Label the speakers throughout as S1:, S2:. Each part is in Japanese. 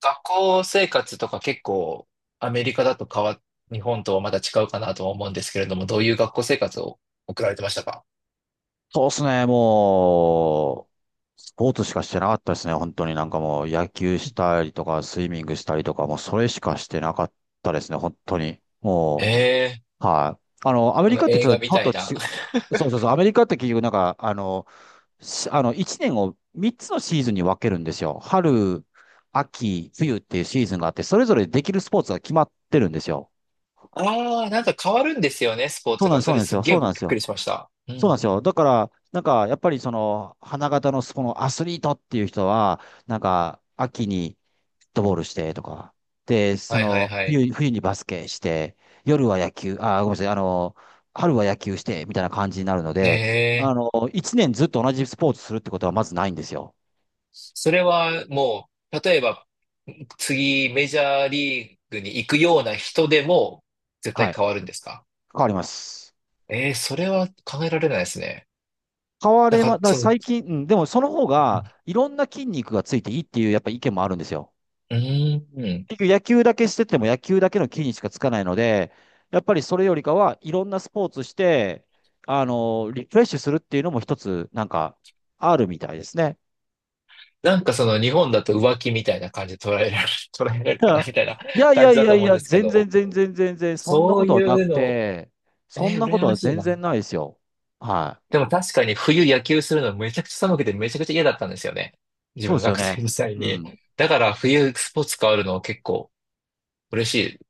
S1: 学校生活とか結構アメリカだと変わ、日本とはまた違うかなとは思うんですけれども、どういう学校生活を送られてましたか？
S2: そうですね、もう、スポーツしかしてなかったですね、本当にもう野球したりとか、スイミングしたりとか、もうそれしかしてなかったですね、本当に。
S1: ええー、
S2: はい。アメ
S1: そ
S2: リ
S1: の
S2: カってち
S1: 映
S2: ょっ
S1: 画
S2: と日
S1: み
S2: 本
S1: たい
S2: と
S1: な。
S2: ち、そうそうそう、アメリカって結局なんか、あの、しあの、1年を3つのシーズンに分けるんですよ。春、秋、冬っていうシーズンがあって、それぞれできるスポーツが決まってるんですよ。
S1: ああ、なんか変わるんですよね、スポー
S2: そう
S1: ツ
S2: なん
S1: が。
S2: です、そ
S1: そ
S2: うな
S1: れ
S2: んです
S1: すっ
S2: よ、
S1: げ
S2: そ
S1: え
S2: う
S1: び
S2: なん
S1: っ
S2: です
S1: くり
S2: よ。
S1: しました。うんうん
S2: そうなんで
S1: う
S2: すよ。
S1: ん。
S2: だから、やっぱりその、花形のそのアスリートっていう人は、秋にフットボールしてとか、で、そ
S1: はいはい
S2: の、
S1: はい。
S2: 冬にバスケして、夜は野球、ごめんなさい、春は野球して、みたいな感じになるの
S1: ね
S2: で、
S1: え。
S2: 一年ずっと同じスポーツするってことはまずないんですよ。
S1: それはもう、例えば、次メジャーリーグに行くような人でも絶対
S2: はい。
S1: 変わるんですか？
S2: 変わります。
S1: ええー、それは考えられないですね。
S2: 変わ
S1: なん
S2: れま、だ
S1: か、
S2: から
S1: その、
S2: 最近、うん、でもその方
S1: うん。
S2: が、いろんな筋肉がついていいっていう、やっぱ意見もあるんですよ。
S1: うーん。
S2: 結局野球だけしてても野球だけの木にしかつかないので、やっぱりそれよりかはいろんなスポーツして、リフレッシュするっていうのも一つあるみたいですね。
S1: なんかその日本だと浮気みたいな感じで捉えられる、捉えられる
S2: だ
S1: か
S2: か
S1: な
S2: ら、
S1: みたいな
S2: いや い
S1: 感
S2: や
S1: じ
S2: い
S1: だ
S2: や
S1: と
S2: い
S1: 思うん
S2: や、
S1: ですけ
S2: 全然
S1: ど、
S2: 全然全然、そんな
S1: そ
S2: こ
S1: う
S2: とは
S1: い
S2: な
S1: う
S2: く
S1: の、
S2: て、そんなこ
S1: 羨
S2: と
S1: ま
S2: は
S1: しい
S2: 全
S1: な。
S2: 然ないですよ。はい。
S1: でも確かに冬野球するのめちゃくちゃ寒くてめちゃくちゃ嫌だったんですよね。自
S2: そう
S1: 分
S2: ですよ
S1: 学生
S2: ね。
S1: 時代
S2: う
S1: に。
S2: ん。
S1: だから冬スポーツ変わるの結構嬉し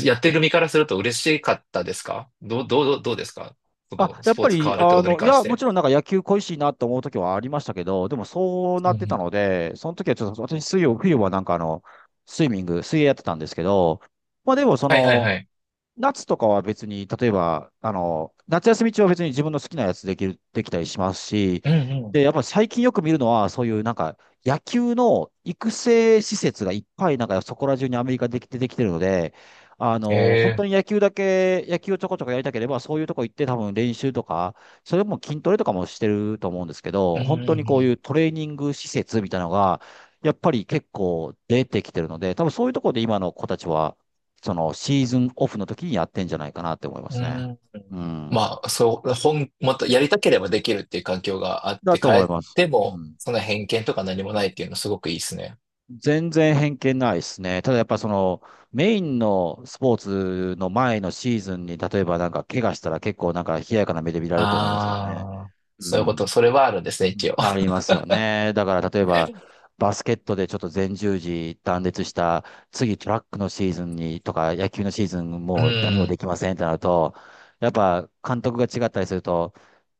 S1: い。やってる身からすると嬉しかったですか？どうですかこ
S2: あ、
S1: の
S2: や
S1: ス
S2: っ
S1: ポ
S2: ぱ
S1: ーツ変
S2: り、
S1: わるってことに
S2: い
S1: 関し
S2: や、も
S1: て。
S2: ちろん野球恋しいなと思う時はありましたけど、でもそうな
S1: うん
S2: っ
S1: う
S2: てた
S1: ん。
S2: ので、その時はちょっと私水曜、冬はスイミング、水泳やってたんですけど、まあでもそ
S1: はいはい
S2: の、
S1: はい。
S2: 夏とかは別に、例えば、夏休み中は別に自分の好きなやつできたりしますし、
S1: うんうん。
S2: で、やっぱり最近よく見るのは、そういう野球の育成施設がいっぱい、そこら中にアメリカできてるので、本
S1: ええ、
S2: 当に野球をちょこちょこやりたければ、そういうとこ行って多分練習とか、それも筋トレとかもしてると思うんですけ
S1: う
S2: ど、
S1: んう
S2: 本
S1: ん
S2: 当
S1: う
S2: にこう
S1: ん。
S2: いうトレーニング施設みたいなのが、やっぱり結構出てきてるので、多分そういうところで今の子たちは、そのシーズンオフの時にやってんじゃないかなって思いま
S1: う
S2: すね。
S1: ん。
S2: うん。
S1: まあ、そう、もっとやりたければできるっていう環境があっ
S2: だ
S1: て、
S2: と
S1: 変
S2: 思い
S1: え
S2: ます。
S1: て
S2: う
S1: も、
S2: ん。
S1: その偏見とか何もないっていうのすごくいいですね。
S2: 全然偏見ないですね。ただやっぱそのメインのスポーツの前のシーズンに例えば怪我したら結構冷ややかな目で見られると思いますけどね。
S1: ああ、
S2: う
S1: そういうこと、
S2: ん。
S1: それはあるんですね、
S2: う
S1: 一
S2: ん
S1: 応。
S2: ありますよね。だから例えばバスケットでちょっと前十字断裂した次トラックのシーズンにとか野球のシーズン
S1: う
S2: もう何もで
S1: ん。
S2: きませんってなるとやっぱ監督が違ったりすると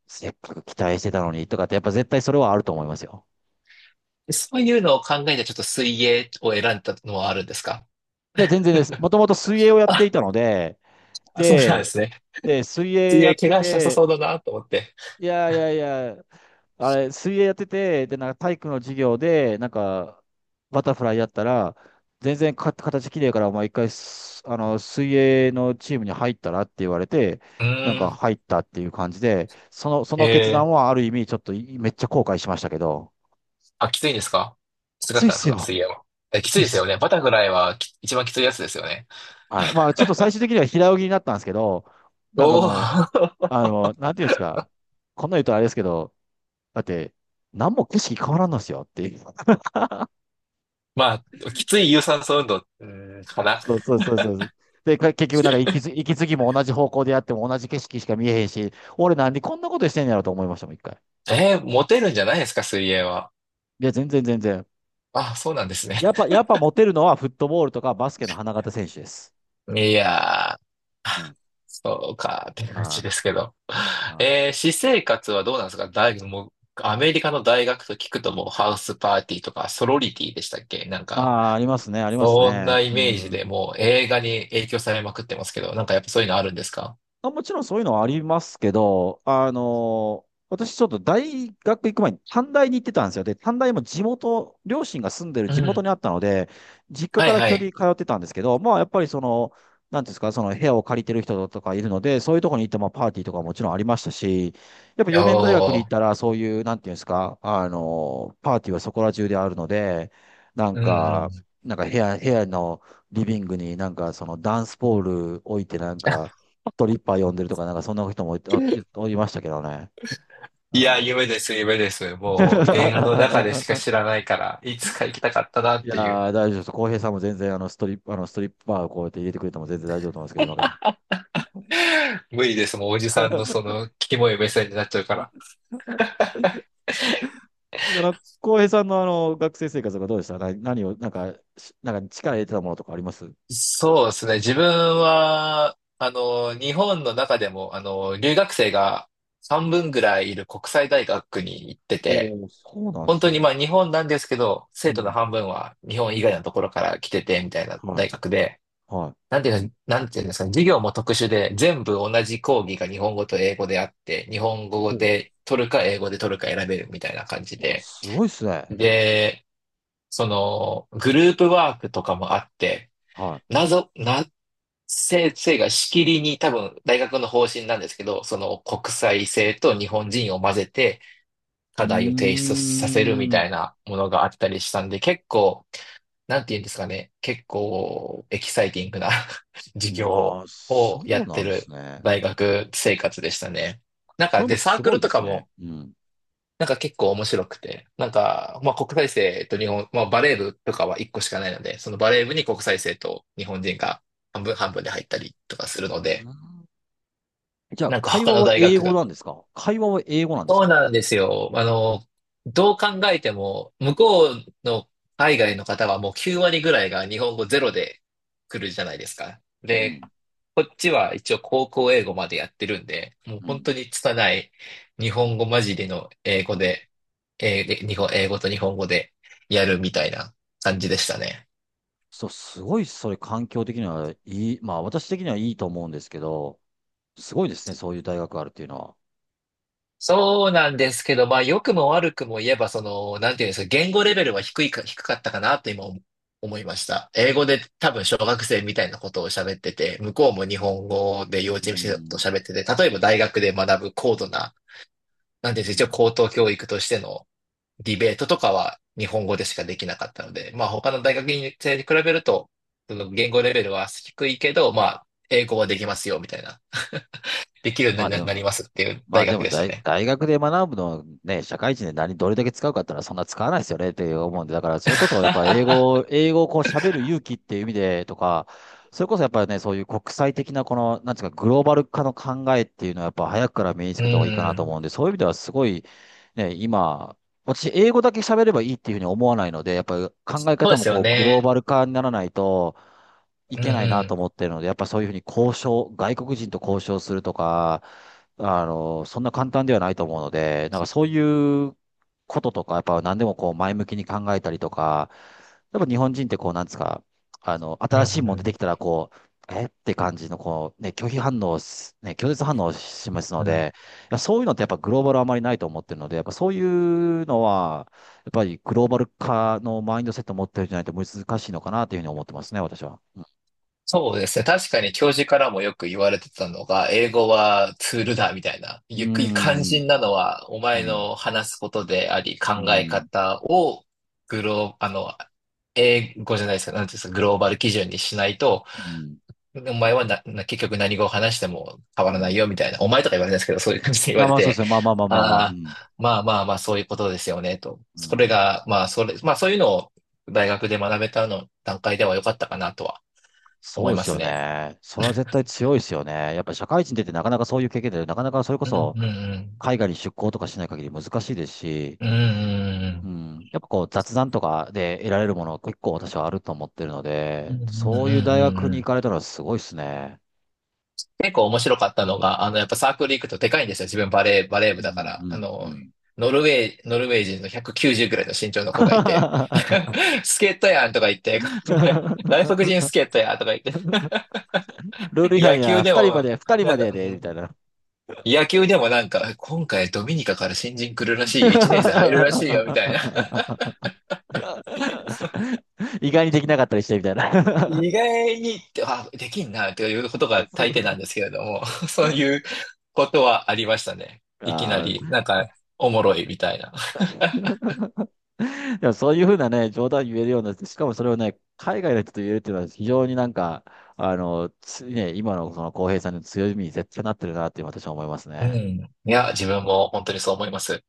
S2: せっかく期待してたのにとかって、やっぱ絶対それはあると思いますよ。
S1: そういうのを考えて、ちょっと水泳を選んだのはあるんですか？
S2: いや、全然です。もともと水泳をやっ
S1: あ、
S2: ていたので、
S1: あそうなんで
S2: で、
S1: すね。
S2: で、水泳
S1: 水
S2: やっ
S1: 泳怪
S2: て
S1: 我しなさそう
S2: て、
S1: だなと思って。
S2: いやいやいや、あれ、水泳やってて、で、体育の授業で、バタフライやったら、全然形きれいから、お前一回す、あの、水泳のチームに入ったらって言われて、
S1: うーん。
S2: 入ったっていう感じで、その、その決
S1: ええ、
S2: 断はある意味、ちょっとめっちゃ後悔しましたけど、
S1: あ、きついんですか？き
S2: き
S1: つかっ
S2: ついっ
S1: たんです
S2: す
S1: か
S2: よ。
S1: 水泳は？え、
S2: き
S1: きつ
S2: つ
S1: い
S2: いっ
S1: ですよ
S2: す。
S1: ね。バタフライは一番きついやつですよね。
S2: はい。まあ、ちょっと最終的には平泳ぎになったんですけど、なんか
S1: おお。
S2: もう、あの、なんていうんですか、こんな言うとあれですけど、だって、何も景色変わらんのですよっていう。
S1: まあ、きつい有酸素運動、かな。
S2: そうそうそうそうそう。で、結局息継ぎ、息継ぎも同じ方向でやっても同じ景色しか見えへんし、俺なんでこんなことしてんやろと思いましたもん、一回。
S1: モテるんじゃないですか、水泳は。
S2: いや、全然全然。
S1: あ、そうなんですね。
S2: やっぱ、やっぱモテるのはフットボールとかバスケの花形選手です。
S1: いやー、
S2: うん。は
S1: そうか、って
S2: い。
S1: 感じ
S2: は
S1: ですけど。
S2: い。
S1: 私生活はどうなんですか？大学、もう、アメリカの大学と聞くともうハウスパーティーとかソロリティでしたっけ、なん
S2: あ
S1: か、
S2: あ、ありますね、あります
S1: そん
S2: ね。
S1: な
S2: う
S1: イメージで
S2: ん。
S1: もう映画に影響されまくってますけど、なんかやっぱそういうのあるんですか？
S2: あ、もちろんそういうのはありますけど、私ちょっと大学行く前に短大に行ってたんですよ。で、短大も地元、両親が住んでる
S1: う
S2: 地元
S1: ん。
S2: にあったので、実家
S1: は
S2: か
S1: い
S2: ら基
S1: は
S2: 本的
S1: い。
S2: に通ってたんですけど、まあやっぱりその、なんていうんですか、その部屋を借りてる人とかいるので、そういうところに行ってもパーティーとかもちろんありましたし、やっぱ4年大学に
S1: お
S2: 行っ
S1: ー。
S2: たらそういう、なんていうんですか、パーティーはそこら中であるので、なん
S1: うんうん。
S2: か、部屋のリビングにそのダンスポール置いてなんか、トリッパー呼んでるとか、そんな人もいた、おいましたけどね。う
S1: いや、
S2: ん。
S1: 夢です、夢です。もう映画の中でしか知 らないから、いつか行きたかったなっ
S2: いや
S1: ていう。
S2: ー、大丈夫です。浩平さんも全然あのストリップ、あのストリッパーをこうやって入れてくれても全然大丈夫と思うんですけど、今から。
S1: 無理です、もうおじさんのその、キモい目線になっちゃうから。
S2: だから、浩平さんのあの学生生活がどうでしたな何を、なんか力入れてたものとかあります
S1: そうですね、自分は、あの、日本の中でも、あの、留学生が半分ぐらいいる国際大学に行って
S2: お
S1: て、
S2: おー、そうなんで
S1: 本
S2: す
S1: 当に
S2: ね。
S1: まあ日本なんですけど、
S2: う
S1: 生徒の
S2: ん。
S1: 半分は日本以外のところから来てて、みたいな大
S2: は
S1: 学で、
S2: い。はい。
S1: なんていうんですかね、授業も特殊で、全部同じ講義が日本語と英語であって、日本語
S2: ほ
S1: で取るか英語で取るか選べるみたいな感じ
S2: う。あ、
S1: で。
S2: すごいっすね。
S1: で、その、グループワークとかもあって、
S2: は
S1: 謎、な、先生がしきりに多分大学の方針なんですけど、その国際性と日本人を混ぜて
S2: い。う
S1: 課題を提出させるみ
S2: ー
S1: た
S2: ん。
S1: いなものがあったりしたんで、結構なんて言うんですかね、結構エキサイティングな 授
S2: あ
S1: 業
S2: あ、そ
S1: をや
S2: う
S1: っ
S2: な
S1: て
S2: んです
S1: る
S2: ね。
S1: 大学生活でしたね。なん
S2: そ
S1: か
S2: れも
S1: で、サー
S2: す
S1: ク
S2: ご
S1: ル
S2: い
S1: と
S2: で
S1: か
S2: すね。
S1: も、
S2: うん。
S1: なんか結構面白くて、なんか、まあ国際生と日本、まあバレー部とかは1個しかないので、そのバレー部に国際生と日本人が半分半分で入ったりとかする
S2: う
S1: の
S2: ー
S1: で、
S2: ん。じゃあ、
S1: なんか
S2: 会
S1: 他
S2: 話
S1: の
S2: は
S1: 大
S2: 英
S1: 学
S2: 語
S1: が
S2: なんですか会話は英語なんです
S1: そう
S2: か
S1: なんですよ。あの、どう考えても、向こうの海外の方はもう9割ぐらいが日本語ゼロで来るじゃないですか。
S2: う
S1: で、
S2: ん。
S1: こっちは一応高校英語までやってるんで、もう
S2: う
S1: 本
S2: ん。
S1: 当に拙い日本語混じりの英語
S2: うん。
S1: で、で英語と日本語でやるみたいな感じでしたね。
S2: そう、すごい、それ環境的にはいい、まあ私的にはいいと思うんですけど、すごいですね、そういう大学があるっていうのは。
S1: そうなんですけど、まあ、良くも悪くも言えば、その、なんていうんですか、言語レベルは低いか、低かったかなと今思いました。英語で多分小学生みたいなことを喋ってて、向こうも日本語で
S2: う
S1: 幼稚園生と
S2: ん。
S1: 喋ってて、例えば大学で学ぶ高度な、なんていうんで
S2: う
S1: すか、一応
S2: ん。
S1: 高等教育としてのディベートとかは日本語でしかできなかったので、まあ、他の大学生に比べると、その言語レベルは低いけど、まあ、英語はできますよ、みたいな。できるよ
S2: ま
S1: う
S2: あ
S1: にな
S2: で
S1: なり
S2: も、
S1: ますっていう
S2: まあ
S1: 大
S2: で
S1: 学
S2: も
S1: でしたね。
S2: 大学で学ぶのをね、社会人で何、どれだけ使うかってのはそんな使わないですよねって思うんで、だからそれこそやっぱ英語をこう喋る勇気っていう意味でとか、それこそやっぱりね、そういう国際的なこの、なんていうか、グローバル化の考えっていうのはやっぱ早くから身につ
S1: う
S2: けた方がいいかなと
S1: ん。
S2: 思うんで、そういう意味ではすごい、ね、今、私、英語だけ喋ればいいっていうふうに思わないので、やっぱり考え
S1: そうで
S2: 方も
S1: すよ
S2: こう、グロー
S1: ね。
S2: バル化にならないとい
S1: うんう
S2: けないなと
S1: ん。
S2: 思ってるので、やっぱそういうふうに外国人と交渉するとか、そんな簡単ではないと思うので、そういうこととか、やっぱ何でもこう前向きに考えたりとか、やっぱ日本人ってこう、なんですか、
S1: う
S2: 新しいもん出てき
S1: ん
S2: たらこう、えって感じのこう、ね、拒否反応す、ね、拒絶反応を示すの
S1: うんうん。
S2: で、いやそういうのってやっぱグローバルあまりないと思ってるので、やっぱそういうのは、やっぱりグローバル化のマインドセットを持ってるんじゃないと難しいのかなというふうに思ってますね、私は。
S1: そうですね。確かに教授からもよく言われてたのが、英語はツールだみたいな。
S2: う
S1: ゆっくり肝
S2: ん。
S1: 心なのは、お
S2: う
S1: 前
S2: ん。
S1: の話すことであり、
S2: うん。
S1: 考え
S2: うん。
S1: 方をグロー、あの、英語じゃないですか。なんていうんですか、グローバル基準にしないと、
S2: うん。
S1: お前はな結局何語を話しても変
S2: う
S1: わらな
S2: ん。
S1: いよみたいな、お前とか言われないですけど、そういう感じで言
S2: ま
S1: わ
S2: あ、
S1: れ
S2: まあそうで
S1: て、
S2: すね。まあまあまあまあまあ、う
S1: あ
S2: ん。
S1: あ、まあまあまあ、そういうことですよね、と。
S2: う
S1: それ
S2: ん。
S1: が、まあ、それ、まあそういうのを大学で学べたの段階では良かったかなとは思
S2: そ
S1: い
S2: うで
S1: ま
S2: す
S1: す
S2: よ
S1: ね。
S2: ね。それは絶対強いですよね。やっぱり社会人出てなかなかそういう経験で、なかなかそれこ
S1: うんう
S2: そ
S1: ん
S2: 海外に出向とかしない限り難しいですし、
S1: うん。うんう
S2: うん。やっぱこう雑談とかで得られるもの結構私はあると思ってるの
S1: んう
S2: で、
S1: ん。うんうんう
S2: そういう大
S1: んうん
S2: 学
S1: う
S2: に
S1: ん、
S2: 行かれたらすごいですね。
S1: 結構面白かったのが、あの、やっぱサークル行くとでかいんですよ。自分バレー、バレー
S2: う
S1: 部だか
S2: ん、う
S1: ら。あ
S2: ん、う
S1: の、
S2: ん。
S1: ノルウェー人の190ぐらいの身長の子がいて、スケートやんとか言って、外国人スケートやんとか言って、
S2: ルール違
S1: 野
S2: 反
S1: 球
S2: や、
S1: で
S2: 二人ま
S1: も、
S2: で、二人
S1: な
S2: ま
S1: ん
S2: で
S1: か、
S2: や
S1: う
S2: で、みた
S1: ん
S2: いな。
S1: 野球でもなんか、今回ドミニカから新人来るらしいよ、1年生入るらしいよ、みたいな。そう
S2: 意外にできなかったりしてみたいな。
S1: 意外にって、あ、できんな、ということが大抵なんで すけれども、そういうことはありましたね。いきな
S2: あ
S1: り、
S2: ー、
S1: なんか、おもろいみたいな。
S2: でもそういうふうなね、冗談言えるようになって、しかもそれをね、海外の人と言えるっていうのは非常につね、今のその浩平さんの強みに絶対なってるなって私は思います
S1: うん。
S2: ね。
S1: いや、自分も本当にそう思います。